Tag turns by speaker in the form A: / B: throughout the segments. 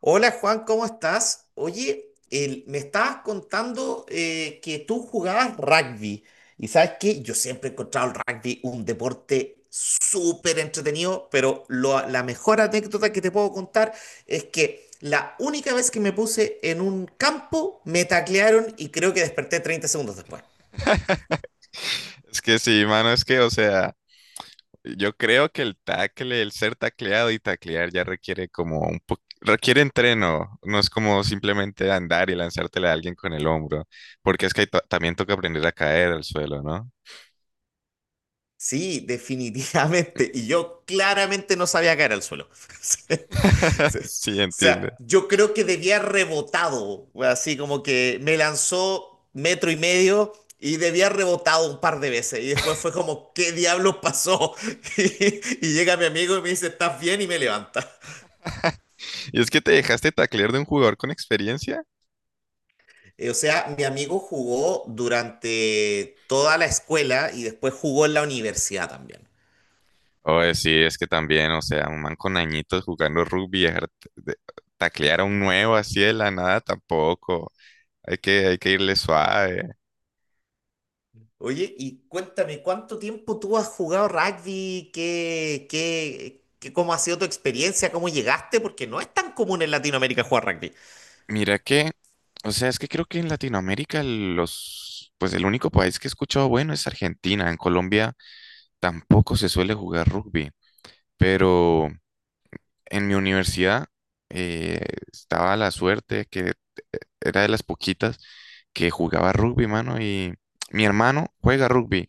A: Hola Juan, ¿cómo estás? Oye, me estabas contando que tú jugabas rugby y sabes que yo siempre he encontrado el rugby un deporte súper entretenido, pero la mejor anécdota que te puedo contar es que la única vez que me puse en un campo me taclearon y creo que desperté 30 segundos después.
B: Es que sí, mano, es que, o sea, yo creo que el tackle, el ser tacleado y taclear ya requiere como un poco, requiere entreno, no es como simplemente andar y lanzártela a alguien con el hombro, porque es que también toca aprender a caer al suelo, ¿no?
A: Sí, definitivamente. Y yo claramente no sabía caer al suelo. Sí, sí.
B: Sí,
A: O
B: entiende.
A: sea, yo creo que debía haber rebotado, así como que me lanzó metro y medio y debía haber rebotado un par de veces. Y después fue como, ¿qué diablos pasó? Y llega mi amigo y me dice, ¿estás bien? Y me levanta.
B: ¿Y es que te dejaste taclear de un jugador con experiencia?
A: O sea, mi amigo jugó durante toda la escuela y después jugó en la universidad también.
B: Oye, sí, es que también, o sea, un man con añitos jugando rugby, dejar taclear a un nuevo así de la nada tampoco. Hay que irle suave.
A: Oye, y cuéntame, ¿cuánto tiempo tú has jugado rugby? ¿ cómo ha sido tu experiencia? ¿Cómo llegaste? Porque no es tan común en Latinoamérica jugar rugby.
B: Mira que, o sea, es que creo que en Latinoamérica los, pues el único país que he escuchado bueno es Argentina. En Colombia tampoco se suele jugar rugby, pero en mi universidad eh, estaba la suerte que era de las poquitas que jugaba rugby, mano, y mi hermano juega rugby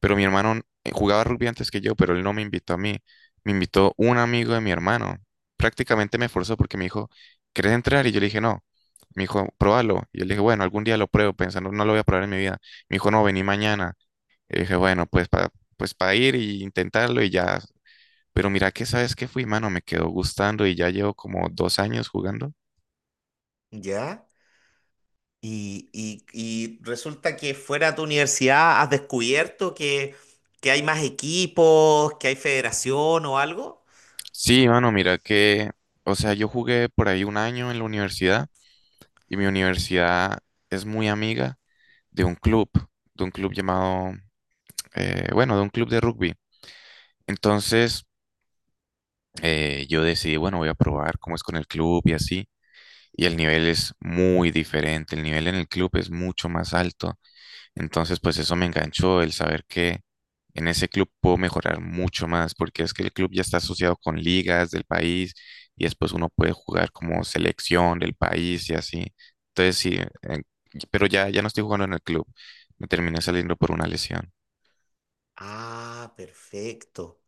B: pero mi hermano jugaba rugby antes que yo, pero él no me invitó a mí. Me invitó un amigo de mi hermano. Prácticamente me forzó porque me dijo, ¿querés entrar? Y yo le dije, no. Me dijo, pruébalo. Y yo le dije, bueno, algún día lo pruebo, pensando, no lo voy a probar en mi vida. Me dijo, no, vení mañana. Y dije, bueno, pues para ir y intentarlo y ya. Pero mira que sabes que fui, mano, me quedó gustando y ya llevo como 2 años jugando.
A: ¿Ya? Y resulta que fuera de tu universidad has descubierto que hay más equipos, que hay federación o algo.
B: Sí, mano, mira que, o sea, yo jugué por ahí un año en la universidad y mi universidad es muy amiga de un club, de un club llamado, bueno, de un club de rugby. Entonces, yo decidí, bueno, voy a probar cómo es con el club y así. Y el nivel es muy diferente, el nivel en el club es mucho más alto. Entonces, pues eso me enganchó, el saber que en ese club puedo mejorar mucho más, porque es que el club ya está asociado con ligas del país y después uno puede jugar como selección del país y así. Entonces, sí, pero ya, ya no estoy jugando en el club, me terminé saliendo por una lesión.
A: Ah, perfecto.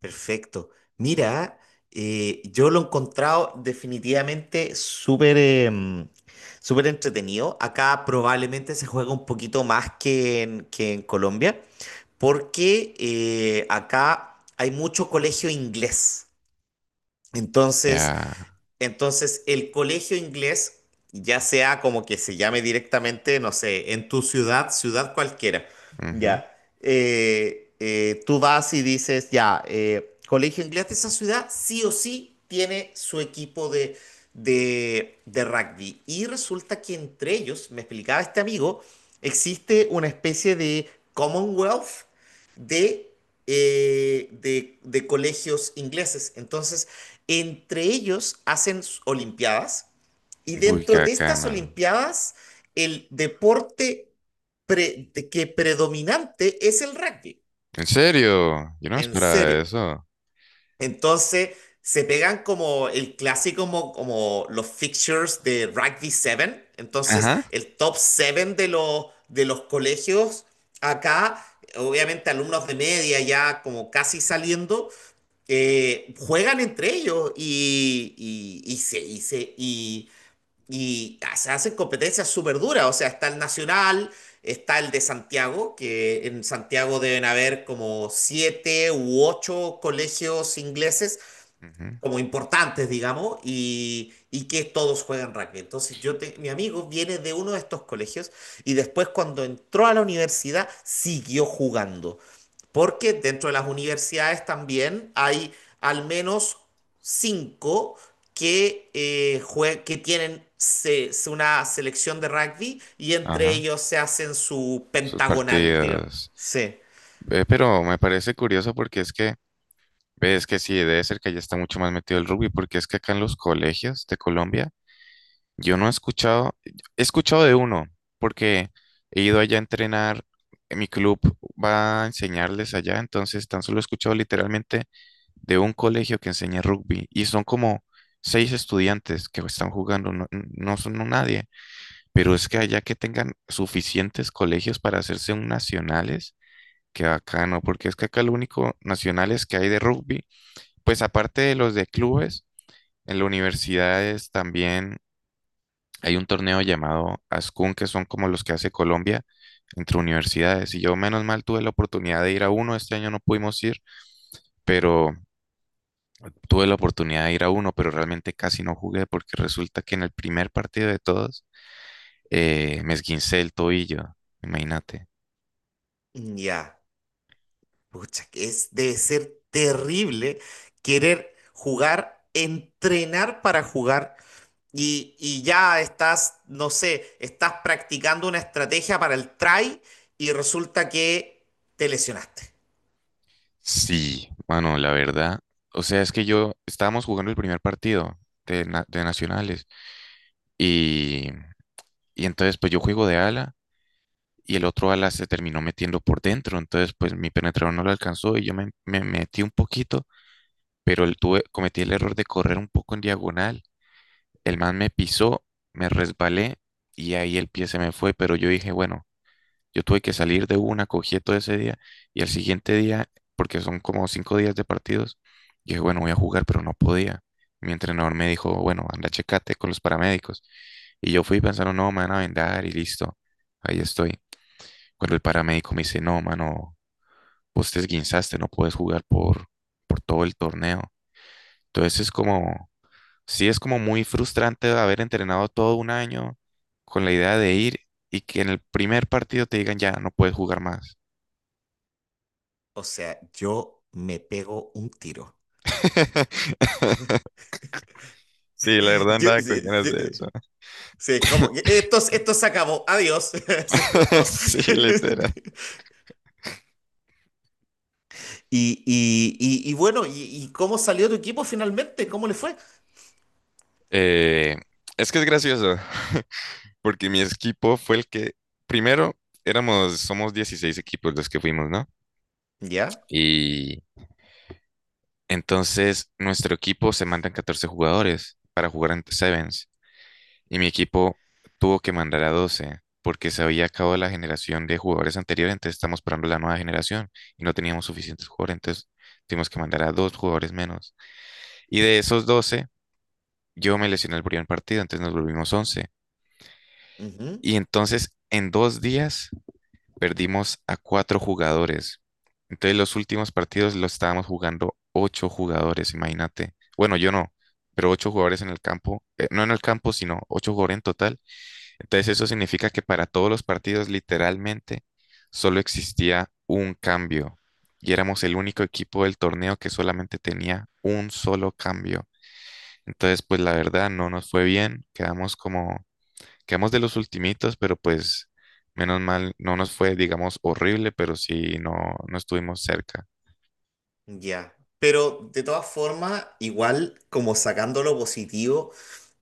A: Perfecto. Mira, yo lo he encontrado definitivamente súper entretenido. Acá probablemente se juega un poquito más que en Colombia, porque acá hay mucho colegio inglés. Entonces,
B: Ya.
A: entonces, el colegio inglés, ya sea como que se llame directamente, no sé, en tu ciudad cualquiera,
B: Ujú.
A: ya, tú vas y dices, ya, colegio inglés de esa ciudad sí o sí tiene su equipo de rugby. Y resulta que entre ellos, me explicaba este amigo, existe una especie de Commonwealth de, de colegios ingleses. Entonces, entre ellos hacen olimpiadas y
B: Uy, qué
A: dentro de estas
B: bacana.
A: olimpiadas el deporte pre- que predominante es el rugby,
B: ¿En serio? Yo no me
A: en
B: esperaba
A: serio.
B: eso.
A: Entonces se pegan como el clásico, como los fixtures de Rugby 7, entonces
B: Ajá.
A: el top 7 de los colegios acá, obviamente alumnos de media ya como casi saliendo juegan entre ellos y se, y, se- y se hacen competencias súper duras. O sea, está el Nacional, está el de Santiago, que en Santiago deben haber como siete u ocho colegios ingleses
B: Ujú.
A: como importantes, digamos, y que todos juegan rugby. Entonces, mi amigo viene de uno de estos colegios y después cuando entró a la universidad siguió jugando, porque dentro de las universidades también hay al menos cinco que, tienen una selección de rugby y entre
B: Ajá.
A: ellos se hacen su
B: Sus
A: pentagonal, digamos.
B: partidas.
A: Sí,
B: Ve, pero me parece curioso porque es que, ves que sí, debe ser que allá está mucho más metido el rugby, porque es que acá en los colegios de Colombia yo no he escuchado, he escuchado de uno, porque he ido allá a entrenar, mi club va a enseñarles allá, entonces tan solo he escuchado literalmente de un colegio que enseña rugby y son como seis estudiantes que están jugando, no, no son no nadie, pero es que allá que tengan suficientes colegios para hacerse un nacionales, que acá no, porque es que acá lo único nacionales que hay de rugby, pues aparte de los de clubes, en las universidades también hay un torneo llamado ASCUN, que son como los que hace Colombia entre universidades. Y yo, menos mal, tuve la oportunidad de ir a uno. Este año no pudimos ir, pero tuve la oportunidad de ir a uno, pero realmente casi no jugué porque resulta que en el primer partido de todos me esguincé el tobillo. Imagínate.
A: ya. Pucha, que es, debe ser terrible querer jugar, entrenar para jugar y ya estás, no sé, estás practicando una estrategia para el try y resulta que te lesionaste.
B: Sí, bueno, la verdad. O sea, es que yo estábamos jugando el primer partido de, de nacionales y, y entonces pues yo juego de ala y el otro ala se terminó metiendo por dentro, entonces pues mi penetrador no lo alcanzó y yo me metí un poquito, pero cometí el error de correr un poco en diagonal, el man me pisó, me resbalé y ahí el pie se me fue, pero yo dije, bueno, yo tuve que salir de una, cogí todo ese día y al siguiente día, porque son como 5 días de partidos, dije, bueno, voy a jugar, pero no podía. Mi entrenador me dijo, bueno, anda, checate con los paramédicos. Y yo fui pensando, no, me van a vendar y listo, ahí estoy. Cuando el paramédico me dice, no, mano, vos te esguinzaste, no puedes jugar por todo el torneo. Entonces es como, sí es como muy frustrante haber entrenado todo un año con la idea de ir y que en el primer partido te digan, ya, no puedes jugar más.
A: O sea, yo me pego un tiro.
B: Sí, la verdad andaba con
A: Sí,
B: ganas
A: sí,
B: de eso.
A: sí, como que esto se acabó, adiós. Así como-
B: Sí, literal.
A: Y bueno, y cómo salió tu equipo finalmente? ¿Cómo le fue?
B: Eh, es que es gracioso, porque mi equipo fue el que, primero, éramos, somos 16 equipos los que fuimos, ¿no?
A: ¿Ya?
B: Y entonces, nuestro equipo se mandan 14 jugadores para jugar en Sevens y mi equipo tuvo que mandar a 12 porque se había acabado la generación de jugadores anteriores, entonces estamos esperando la nueva generación y no teníamos suficientes jugadores, entonces tuvimos que mandar a dos jugadores menos. Y de esos 12 yo me lesioné el primer partido, entonces nos volvimos 11. Y entonces, en 2 días, perdimos a cuatro jugadores. Entonces los últimos partidos los estábamos jugando ocho jugadores, imagínate. Bueno, yo no, pero ocho jugadores en el campo, no en el campo, sino ocho jugadores en total. Entonces eso significa que para todos los partidos literalmente solo existía un cambio y éramos el único equipo del torneo que solamente tenía un solo cambio. Entonces, pues la verdad no nos fue bien, quedamos como quedamos de los ultimitos, pero pues menos mal, no nos fue, digamos, horrible, pero sí, no, no estuvimos cerca.
A: Ya, pero de todas formas, igual como sacando lo positivo,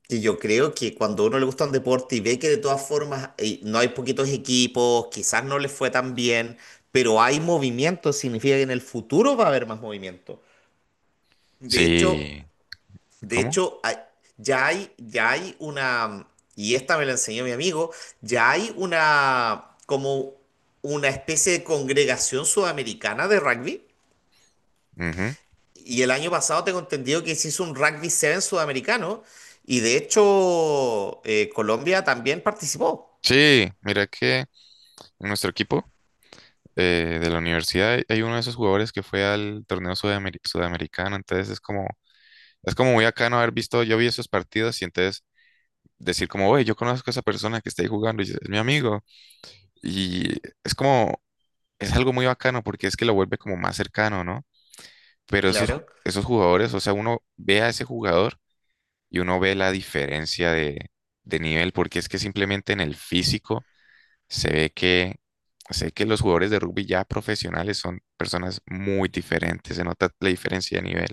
A: que yo creo que cuando a uno le gusta un deporte y ve que de todas formas no hay poquitos equipos, quizás no les fue tan bien, pero hay movimiento, significa que en el futuro va a haber más movimiento. De hecho,
B: Sí,
A: de
B: ¿cómo?
A: hecho, hay- ya hay, y esta me la enseñó mi amigo, ya hay una, como una especie de congregación sudamericana de rugby.
B: Ujú.
A: Y el año pasado tengo entendido que se hizo un Rugby 7 sudamericano y de hecho Colombia también participó.
B: Sí, mira que en nuestro equipo de la universidad hay uno de esos jugadores que fue al torneo sudamericano, entonces es como muy acá no haber visto, yo vi esos partidos y entonces decir como, oye, yo conozco a esa persona que está ahí jugando y es mi amigo. Y es como, es algo muy bacano porque es que lo vuelve como más cercano, ¿no? Pero esos, ju-
A: Claro,
B: esos jugadores, o sea, uno ve a ese jugador y uno ve la diferencia de nivel, porque es que simplemente en el físico se ve que, sé que los jugadores de rugby ya profesionales son personas muy diferentes, se nota la diferencia de nivel.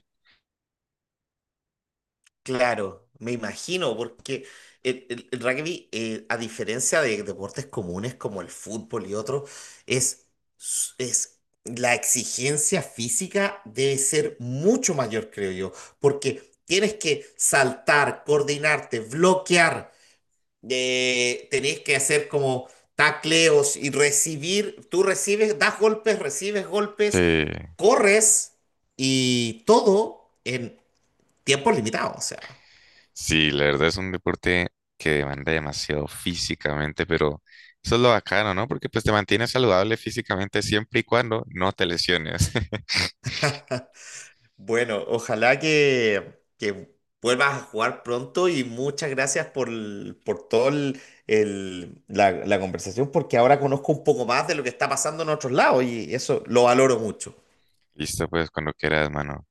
A: claro, me imagino, porque el rugby, a diferencia de deportes comunes como el fútbol y otros, es, es la exigencia física debe ser mucho mayor, creo yo, porque tienes que saltar, coordinarte, bloquear. Tenés que hacer como tacleos y recibir, tú recibes, das golpes, recibes
B: Sí,
A: golpes, corres y todo en tiempo limitado. O sea,
B: sí, la verdad es un deporte que demanda demasiado físicamente, pero eso es lo bacano, ¿no? Porque pues te mantienes saludable físicamente siempre y cuando no te lesiones.
A: bueno, ojalá que vuelvas a jugar pronto y muchas gracias por todo la conversación porque ahora conozco un poco más de lo que está pasando en otros lados y eso lo valoro mucho.
B: Listo, pues cuando quieras, mano.